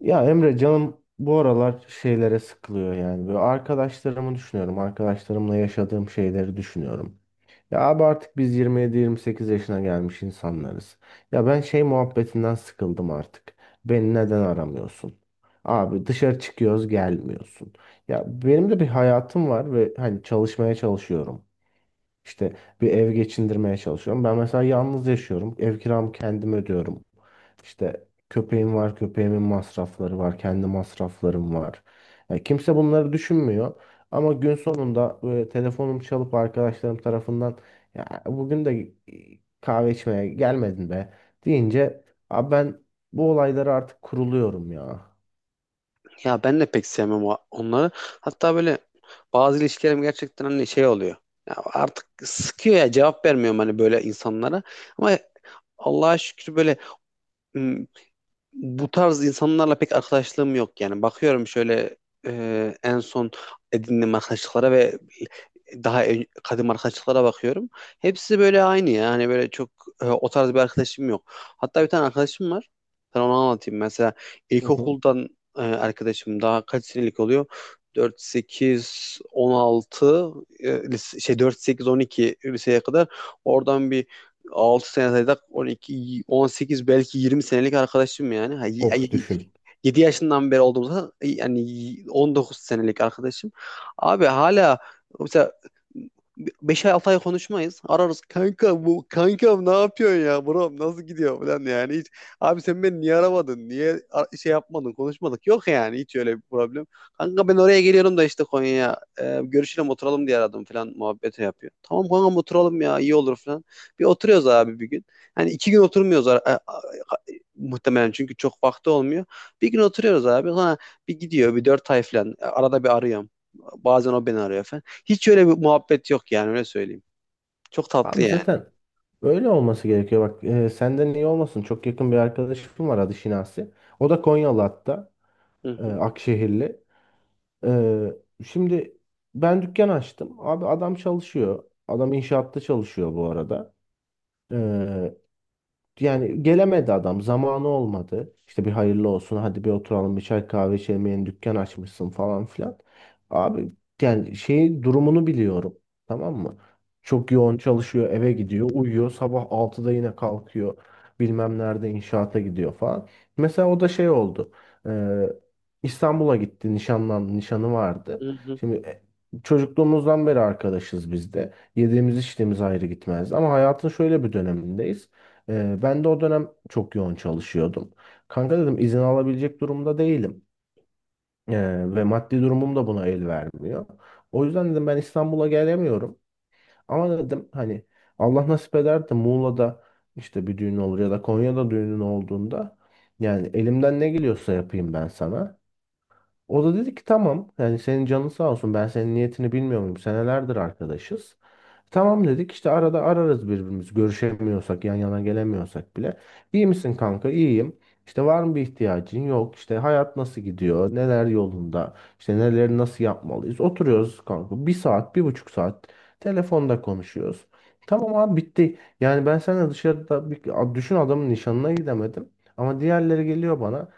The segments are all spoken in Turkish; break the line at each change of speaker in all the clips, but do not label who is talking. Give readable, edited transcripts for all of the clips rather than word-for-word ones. Ya Emre canım bu aralar şeylere sıkılıyor yani. Böyle arkadaşlarımı düşünüyorum. Arkadaşlarımla yaşadığım şeyleri düşünüyorum. Ya abi artık biz 27-28 yaşına gelmiş insanlarız. Ya ben şey muhabbetinden sıkıldım artık. Beni neden aramıyorsun? Abi dışarı çıkıyoruz gelmiyorsun. Ya benim de bir hayatım var ve hani çalışmaya çalışıyorum. İşte bir ev geçindirmeye çalışıyorum. Ben mesela yalnız yaşıyorum. Ev kiramı kendim ödüyorum. İşte köpeğim var, köpeğimin masrafları var, kendi masraflarım var. Yani kimse bunları düşünmüyor. Ama gün sonunda böyle telefonum çalıp arkadaşlarım tarafından ya bugün de kahve içmeye gelmedin be deyince abi ben bu olaylara artık kuruluyorum ya.
Ya ben de pek sevmem onları. Hatta böyle bazı ilişkilerim gerçekten hani şey oluyor. Ya artık sıkıyor ya cevap vermiyorum hani böyle insanlara. Ama Allah'a şükür böyle bu tarz insanlarla pek arkadaşlığım yok yani. Bakıyorum şöyle en son edindiğim arkadaşlıklara ve daha kadim arkadaşlıklara bakıyorum. Hepsi böyle aynı ya. Hani böyle çok o tarz bir arkadaşım yok. Hatta bir tane arkadaşım var. Sana onu anlatayım. Mesela
Hı hı.
ilkokuldan arkadaşım daha kaç senelik oluyor? 4, 8, 16 4, 8, 12 liseye kadar, oradan bir 6 sene saysak 12, on sekiz, belki 20 senelik arkadaşım yani.
Of düşün.
7 yaşından beri olduğumuzda yani 19 senelik arkadaşım. Abi hala mesela 5-6 ay, altı ay konuşmayız. Ararız, kanka bu kankam ne yapıyorsun ya, bro nasıl gidiyor falan, yani hiç abi sen beni niye aramadın, niye şey yapmadın, konuşmadık, yok yani hiç öyle bir problem. Kanka ben oraya geliyorum da işte Konya'ya, görüşelim oturalım diye aradım falan muhabbeti yapıyor. Tamam kankam, oturalım ya, iyi olur falan. Bir oturuyoruz abi bir gün. Hani iki gün oturmuyoruz, a- muhtemelen çünkü çok vakti olmuyor. Bir gün oturuyoruz abi. Sonra bir gidiyor bir dört ay falan. Arada bir arıyorum. Bazen o beni arıyor falan. Hiç öyle bir muhabbet yok yani, öyle söyleyeyim. Çok tatlı
Abi
yani.
zaten öyle olması gerekiyor. Bak senden iyi olmasın. Çok yakın bir arkadaşım var adı Şinasi. O da Konyalı hatta.
Hı hı.
Akşehirli. E, şimdi ben dükkan açtım. Abi adam çalışıyor. Adam inşaatta çalışıyor bu arada. E, yani gelemedi adam. Zamanı olmadı. İşte bir hayırlı olsun. Hadi bir oturalım bir çay kahve içelim. Yeni dükkan açmışsın falan filan. Abi yani şeyin durumunu biliyorum. Tamam mı? Çok yoğun çalışıyor. Eve gidiyor. Uyuyor. Sabah 6'da yine kalkıyor. Bilmem nerede inşaata gidiyor falan. Mesela o da şey oldu. Ee, İstanbul'a gitti. Nişanlandı. Nişanı vardı.
Hı hı.
Şimdi çocukluğumuzdan beri arkadaşız biz de. Yediğimiz içtiğimiz ayrı gitmez. Ama hayatın şöyle bir dönemindeyiz. Ben de o dönem çok yoğun çalışıyordum. Kanka dedim izin alabilecek durumda değilim. Ve maddi durumum da buna el vermiyor. O yüzden dedim ben İstanbul'a gelemiyorum. Ama dedim hani Allah nasip eder de Muğla'da işte bir düğün olur ya da Konya'da düğünün olduğunda yani elimden ne geliyorsa yapayım ben sana. O da dedi ki tamam yani senin canın sağ olsun ben senin niyetini bilmiyor muyum senelerdir arkadaşız. Tamam dedik işte arada ararız birbirimizi görüşemiyorsak yan yana gelemiyorsak bile. İyi misin kanka? İyiyim. İşte var mı bir ihtiyacın? Yok. İşte hayat nasıl gidiyor? Neler yolunda? İşte neleri nasıl yapmalıyız? Oturuyoruz kanka. Bir saat, bir buçuk saat telefonda konuşuyoruz. Tamam abi bitti. Yani ben seninle dışarıda bir, düşün adamın nişanına gidemedim. Ama diğerleri geliyor bana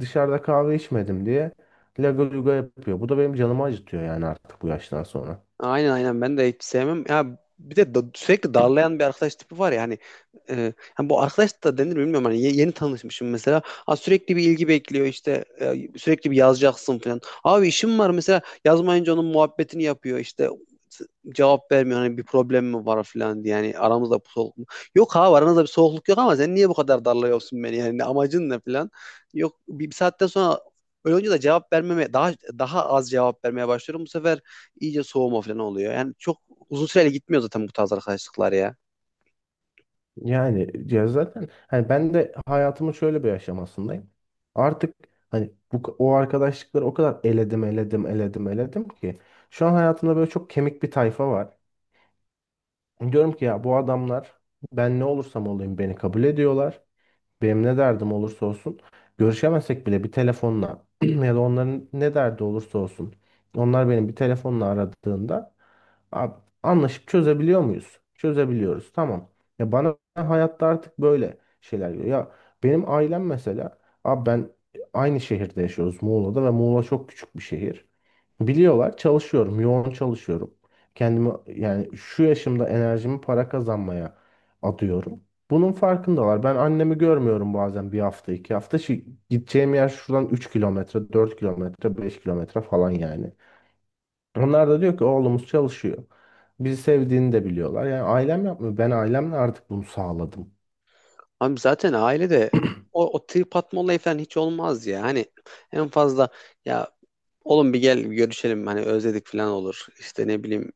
dışarıda kahve içmedim diye laga luga yapıyor. Bu da benim canımı acıtıyor yani artık bu yaştan sonra.
Aynen aynen, ben de hiç sevmem. Ya bir de sürekli darlayan bir arkadaş tipi var ya, hani hani bu arkadaş da denir mi bilmiyorum, hani yeni tanışmışım mesela. Ha, sürekli bir ilgi bekliyor, işte sürekli bir yazacaksın falan. Abi işim var mesela, yazmayınca onun muhabbetini yapıyor, işte s- cevap vermiyor hani, bir problem mi var falan diye, yani aramızda bir soğukluk mu? Yok abi, aranızda bir soğukluk yok ama sen niye bu kadar darlıyorsun beni, yani amacın ne falan. Yok, bir saatten sonra öyle olunca da cevap vermeme, daha az cevap vermeye başlıyorum bu sefer, iyice soğuma falan oluyor. Yani çok uzun süreli gitmiyor zaten bu tarz arkadaşlıklar ya.
Yani ya zaten hani ben de hayatımın şöyle bir aşamasındayım. Artık hani bu o arkadaşlıkları o kadar eledim eledim eledim eledim ki şu an hayatımda böyle çok kemik bir tayfa var. Diyorum ki ya bu adamlar ben ne olursam olayım beni kabul ediyorlar. Benim ne derdim olursa olsun görüşemesek bile bir telefonla ya da onların ne derdi olursa olsun onlar benim bir telefonla aradığında "Abi, anlaşıp çözebiliyor muyuz? Çözebiliyoruz. Tamam. Ya bana hayatta artık böyle şeyler geliyor. Ya benim ailem mesela abi ben aynı şehirde yaşıyoruz Muğla'da ve Muğla çok küçük bir şehir. Biliyorlar çalışıyorum, yoğun çalışıyorum. Kendimi yani şu yaşımda enerjimi para kazanmaya adıyorum. Bunun farkındalar. Ben annemi görmüyorum bazen bir hafta, 2 hafta. Gideceğim yer şuradan 3 kilometre, 4 kilometre, 5 kilometre falan yani. Onlar da diyor ki oğlumuz çalışıyor. Bizi sevdiğini de biliyorlar. Yani ailem yapmıyor. Ben ailemle artık bunu sağladım.
Abi zaten ailede o trip atma olayı falan hiç olmaz ya. Hani en fazla ya oğlum bir gel bir görüşelim hani özledik falan olur. İşte ne bileyim,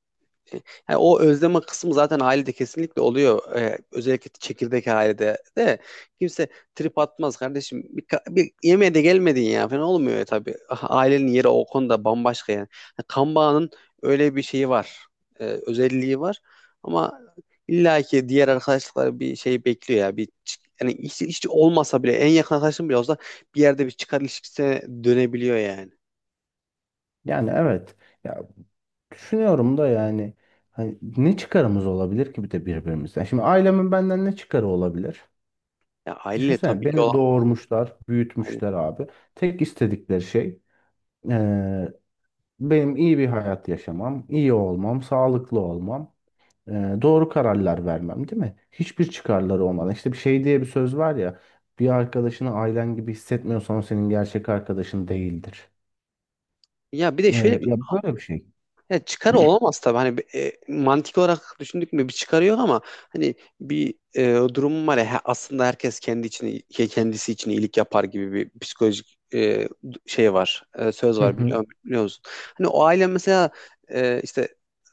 yani o özleme kısmı zaten ailede kesinlikle oluyor. Özellikle çekirdek ailede de kimse trip atmaz kardeşim. Bir yemeğe de gelmedin ya falan olmuyor ya tabii. Ah, ailenin yeri o konuda bambaşka yani. Yani kan bağının öyle bir şeyi var. Özelliği var. Ama illaki diğer arkadaşlıklar bir şey bekliyor ya. Yani hiç, hiç olmasa bile en yakın arkadaşın bile olsa bir yerde bir çıkar ilişkisine dönebiliyor yani.
Yani evet. Ya düşünüyorum da yani hani ne çıkarımız olabilir ki bir de birbirimize? Şimdi ailemin benden ne çıkarı olabilir?
Ya aileyle
Düşünsene
tabii ki
beni
olan,
doğurmuşlar, büyütmüşler abi. Tek istedikleri şey eee, benim iyi bir hayat yaşamam, iyi olmam, sağlıklı olmam, doğru kararlar vermem, değil mi? Hiçbir çıkarları olmadan. İşte bir şey diye bir söz var ya, bir arkadaşını ailen gibi hissetmiyorsan o senin gerçek arkadaşın değildir.
ya bir de şöyle,
Ya böyle bir şey.
ya çıkarı olamaz tabii. Hani bir, mantık olarak düşündük mü bir çıkarı yok ama hani bir durum var ya, aslında herkes kendi için, kendisi için iyilik yapar gibi bir psikolojik şey var. E, söz
Hı
var,
hı.
biliyor, biliyor musun? Hani o aile mesela, işte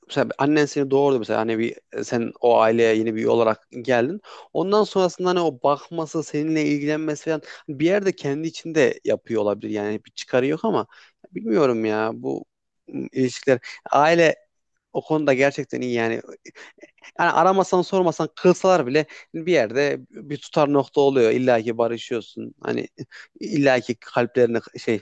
mesela annen seni doğurdu mesela, hani bir sen o aileye yeni bir üye olarak geldin. Ondan sonrasında hani o bakması, seninle ilgilenmesi falan, bir yerde kendi içinde yapıyor olabilir. Yani bir çıkarı yok ama bilmiyorum ya, bu ilişkiler, aile o konuda gerçekten iyi yani. Yani aramasan sormasan kılsalar bile bir yerde bir tutar nokta oluyor. İlla ki barışıyorsun. Hani illa ki kalplerini şey,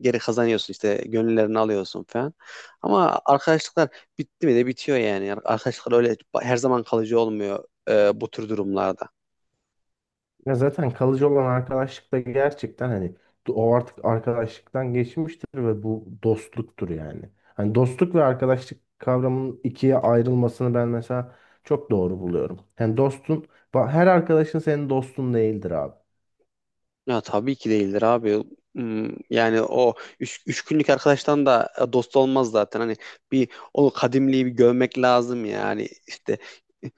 geri kazanıyorsun, işte gönüllerini alıyorsun falan. Ama arkadaşlıklar bitti mi de bitiyor yani. Arkadaşlıklar öyle her zaman kalıcı olmuyor bu tür durumlarda.
Ya zaten kalıcı olan arkadaşlık da gerçekten hani o artık arkadaşlıktan geçmiştir ve bu dostluktur yani. Hani dostluk ve arkadaşlık kavramının ikiye ayrılmasını ben mesela çok doğru buluyorum. Yani dostun, her arkadaşın senin dostun değildir abi.
Ya tabii ki değildir abi. Hmm, yani o üç günlük arkadaştan da dost olmaz zaten. Hani bir o kadimliği bir görmek lazım yani. İşte e,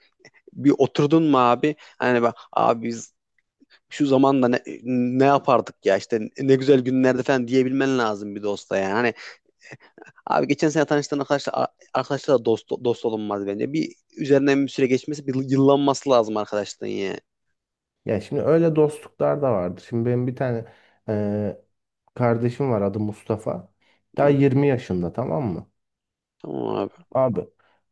bir oturdun mu abi? Hani bak abi, biz şu zamanda ne yapardık ya, işte ne güzel günlerde falan diyebilmen lazım bir dosta yani. Hani abi geçen sene tanıştığın arkadaşlar da dost olunmaz bence. Bir üzerinden bir süre geçmesi, bir yıllanması lazım arkadaşlığın yani.
Ya şimdi öyle dostluklar da vardır. Şimdi benim bir tane e, kardeşim var adı Mustafa. Daha
Hı,
20 yaşında tamam mı?
tamam abi.
Abi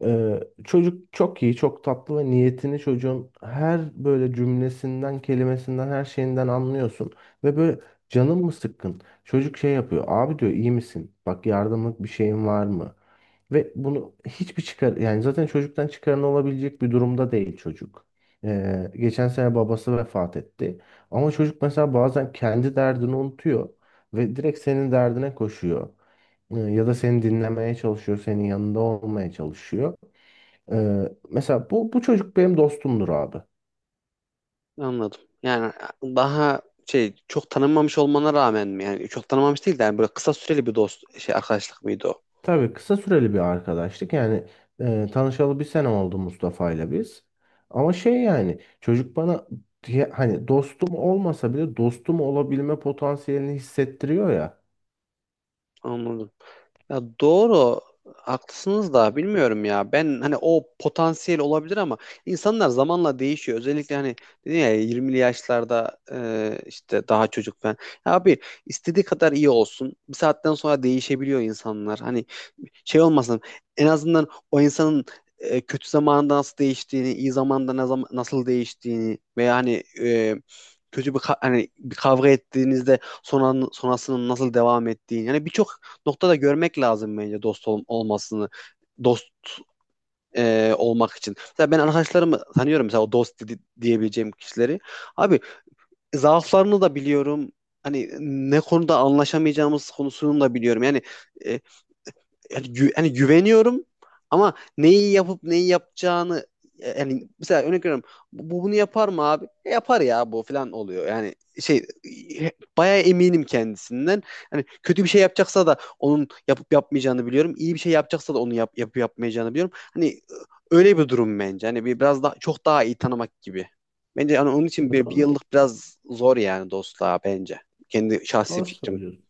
çocuk çok iyi, çok tatlı ve niyetini çocuğun her böyle cümlesinden, kelimesinden, her şeyinden anlıyorsun. Ve böyle canın mı sıkkın? Çocuk şey yapıyor. Abi diyor iyi misin? Bak yardımlık bir şeyin var mı? Ve bunu hiçbir çıkar yani zaten çocuktan çıkarın olabilecek bir durumda değil çocuk. Geçen sene babası vefat etti. Ama çocuk mesela bazen kendi derdini unutuyor ve direkt senin derdine koşuyor. Ya da seni dinlemeye çalışıyor, senin yanında olmaya çalışıyor. Mesela bu çocuk benim dostumdur abi.
Anladım. Yani daha şey, çok tanınmamış olmana rağmen mi? Yani çok tanınmamış değil de, yani böyle kısa süreli bir dost şey arkadaşlık mıydı o?
Tabii kısa süreli bir arkadaşlık. Yani tanışalı bir sene oldu Mustafa ile biz. Ama şey yani çocuk bana diye, hani dostum olmasa bile dostum olabilme potansiyelini hissettiriyor ya.
Anladım. Ya doğru, haklısınız da bilmiyorum ya. Ben hani o potansiyel olabilir ama insanlar zamanla değişiyor. Özellikle hani dedin ya, 20'li yaşlarda işte daha çocuk falan. Ya abi istediği kadar iyi olsun, bir saatten sonra değişebiliyor insanlar. Hani şey olmasın, en azından o insanın kötü zamanında nasıl değiştiğini, iyi zamanda ne zaman, nasıl değiştiğini, veya hani kötü bir hani bir kavga ettiğinizde sonra sonrasının nasıl devam ettiğini. Yani birçok noktada görmek lazım bence dost olmasını. Dost olmak için. Mesela ben arkadaşlarımı tanıyorum mesela, o dost diyebileceğim kişileri. Abi zaaflarını da biliyorum. Hani ne konuda anlaşamayacağımız konusunu da biliyorum. Yani e, hani güveniyorum ama neyi yapıp neyi yapacağını, yani mesela örnek veriyorum, bu bunu yapar mı abi? E, yapar ya bu, falan oluyor. Yani şey, e, bayağı eminim kendisinden. Hani kötü bir şey yapacaksa da onun yapıp yapmayacağını biliyorum. İyi bir şey yapacaksa da onu yapıp yapmayacağını biliyorum. Hani öyle bir durum bence. Hani biraz daha çok daha iyi tanımak gibi. Bence hani onun için bir
Doğru,
yıllık biraz zor yani dostluğa bence. Kendi şahsi
doğru
fikrim.
söylüyorsun.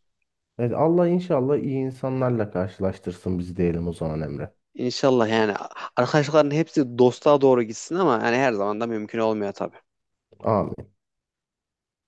Evet, Allah inşallah iyi insanlarla karşılaştırsın bizi diyelim o zaman Emre.
İnşallah yani arkadaşlıkların hepsi dostluğa doğru gitsin ama yani her zaman da mümkün olmuyor tabii.
Amin.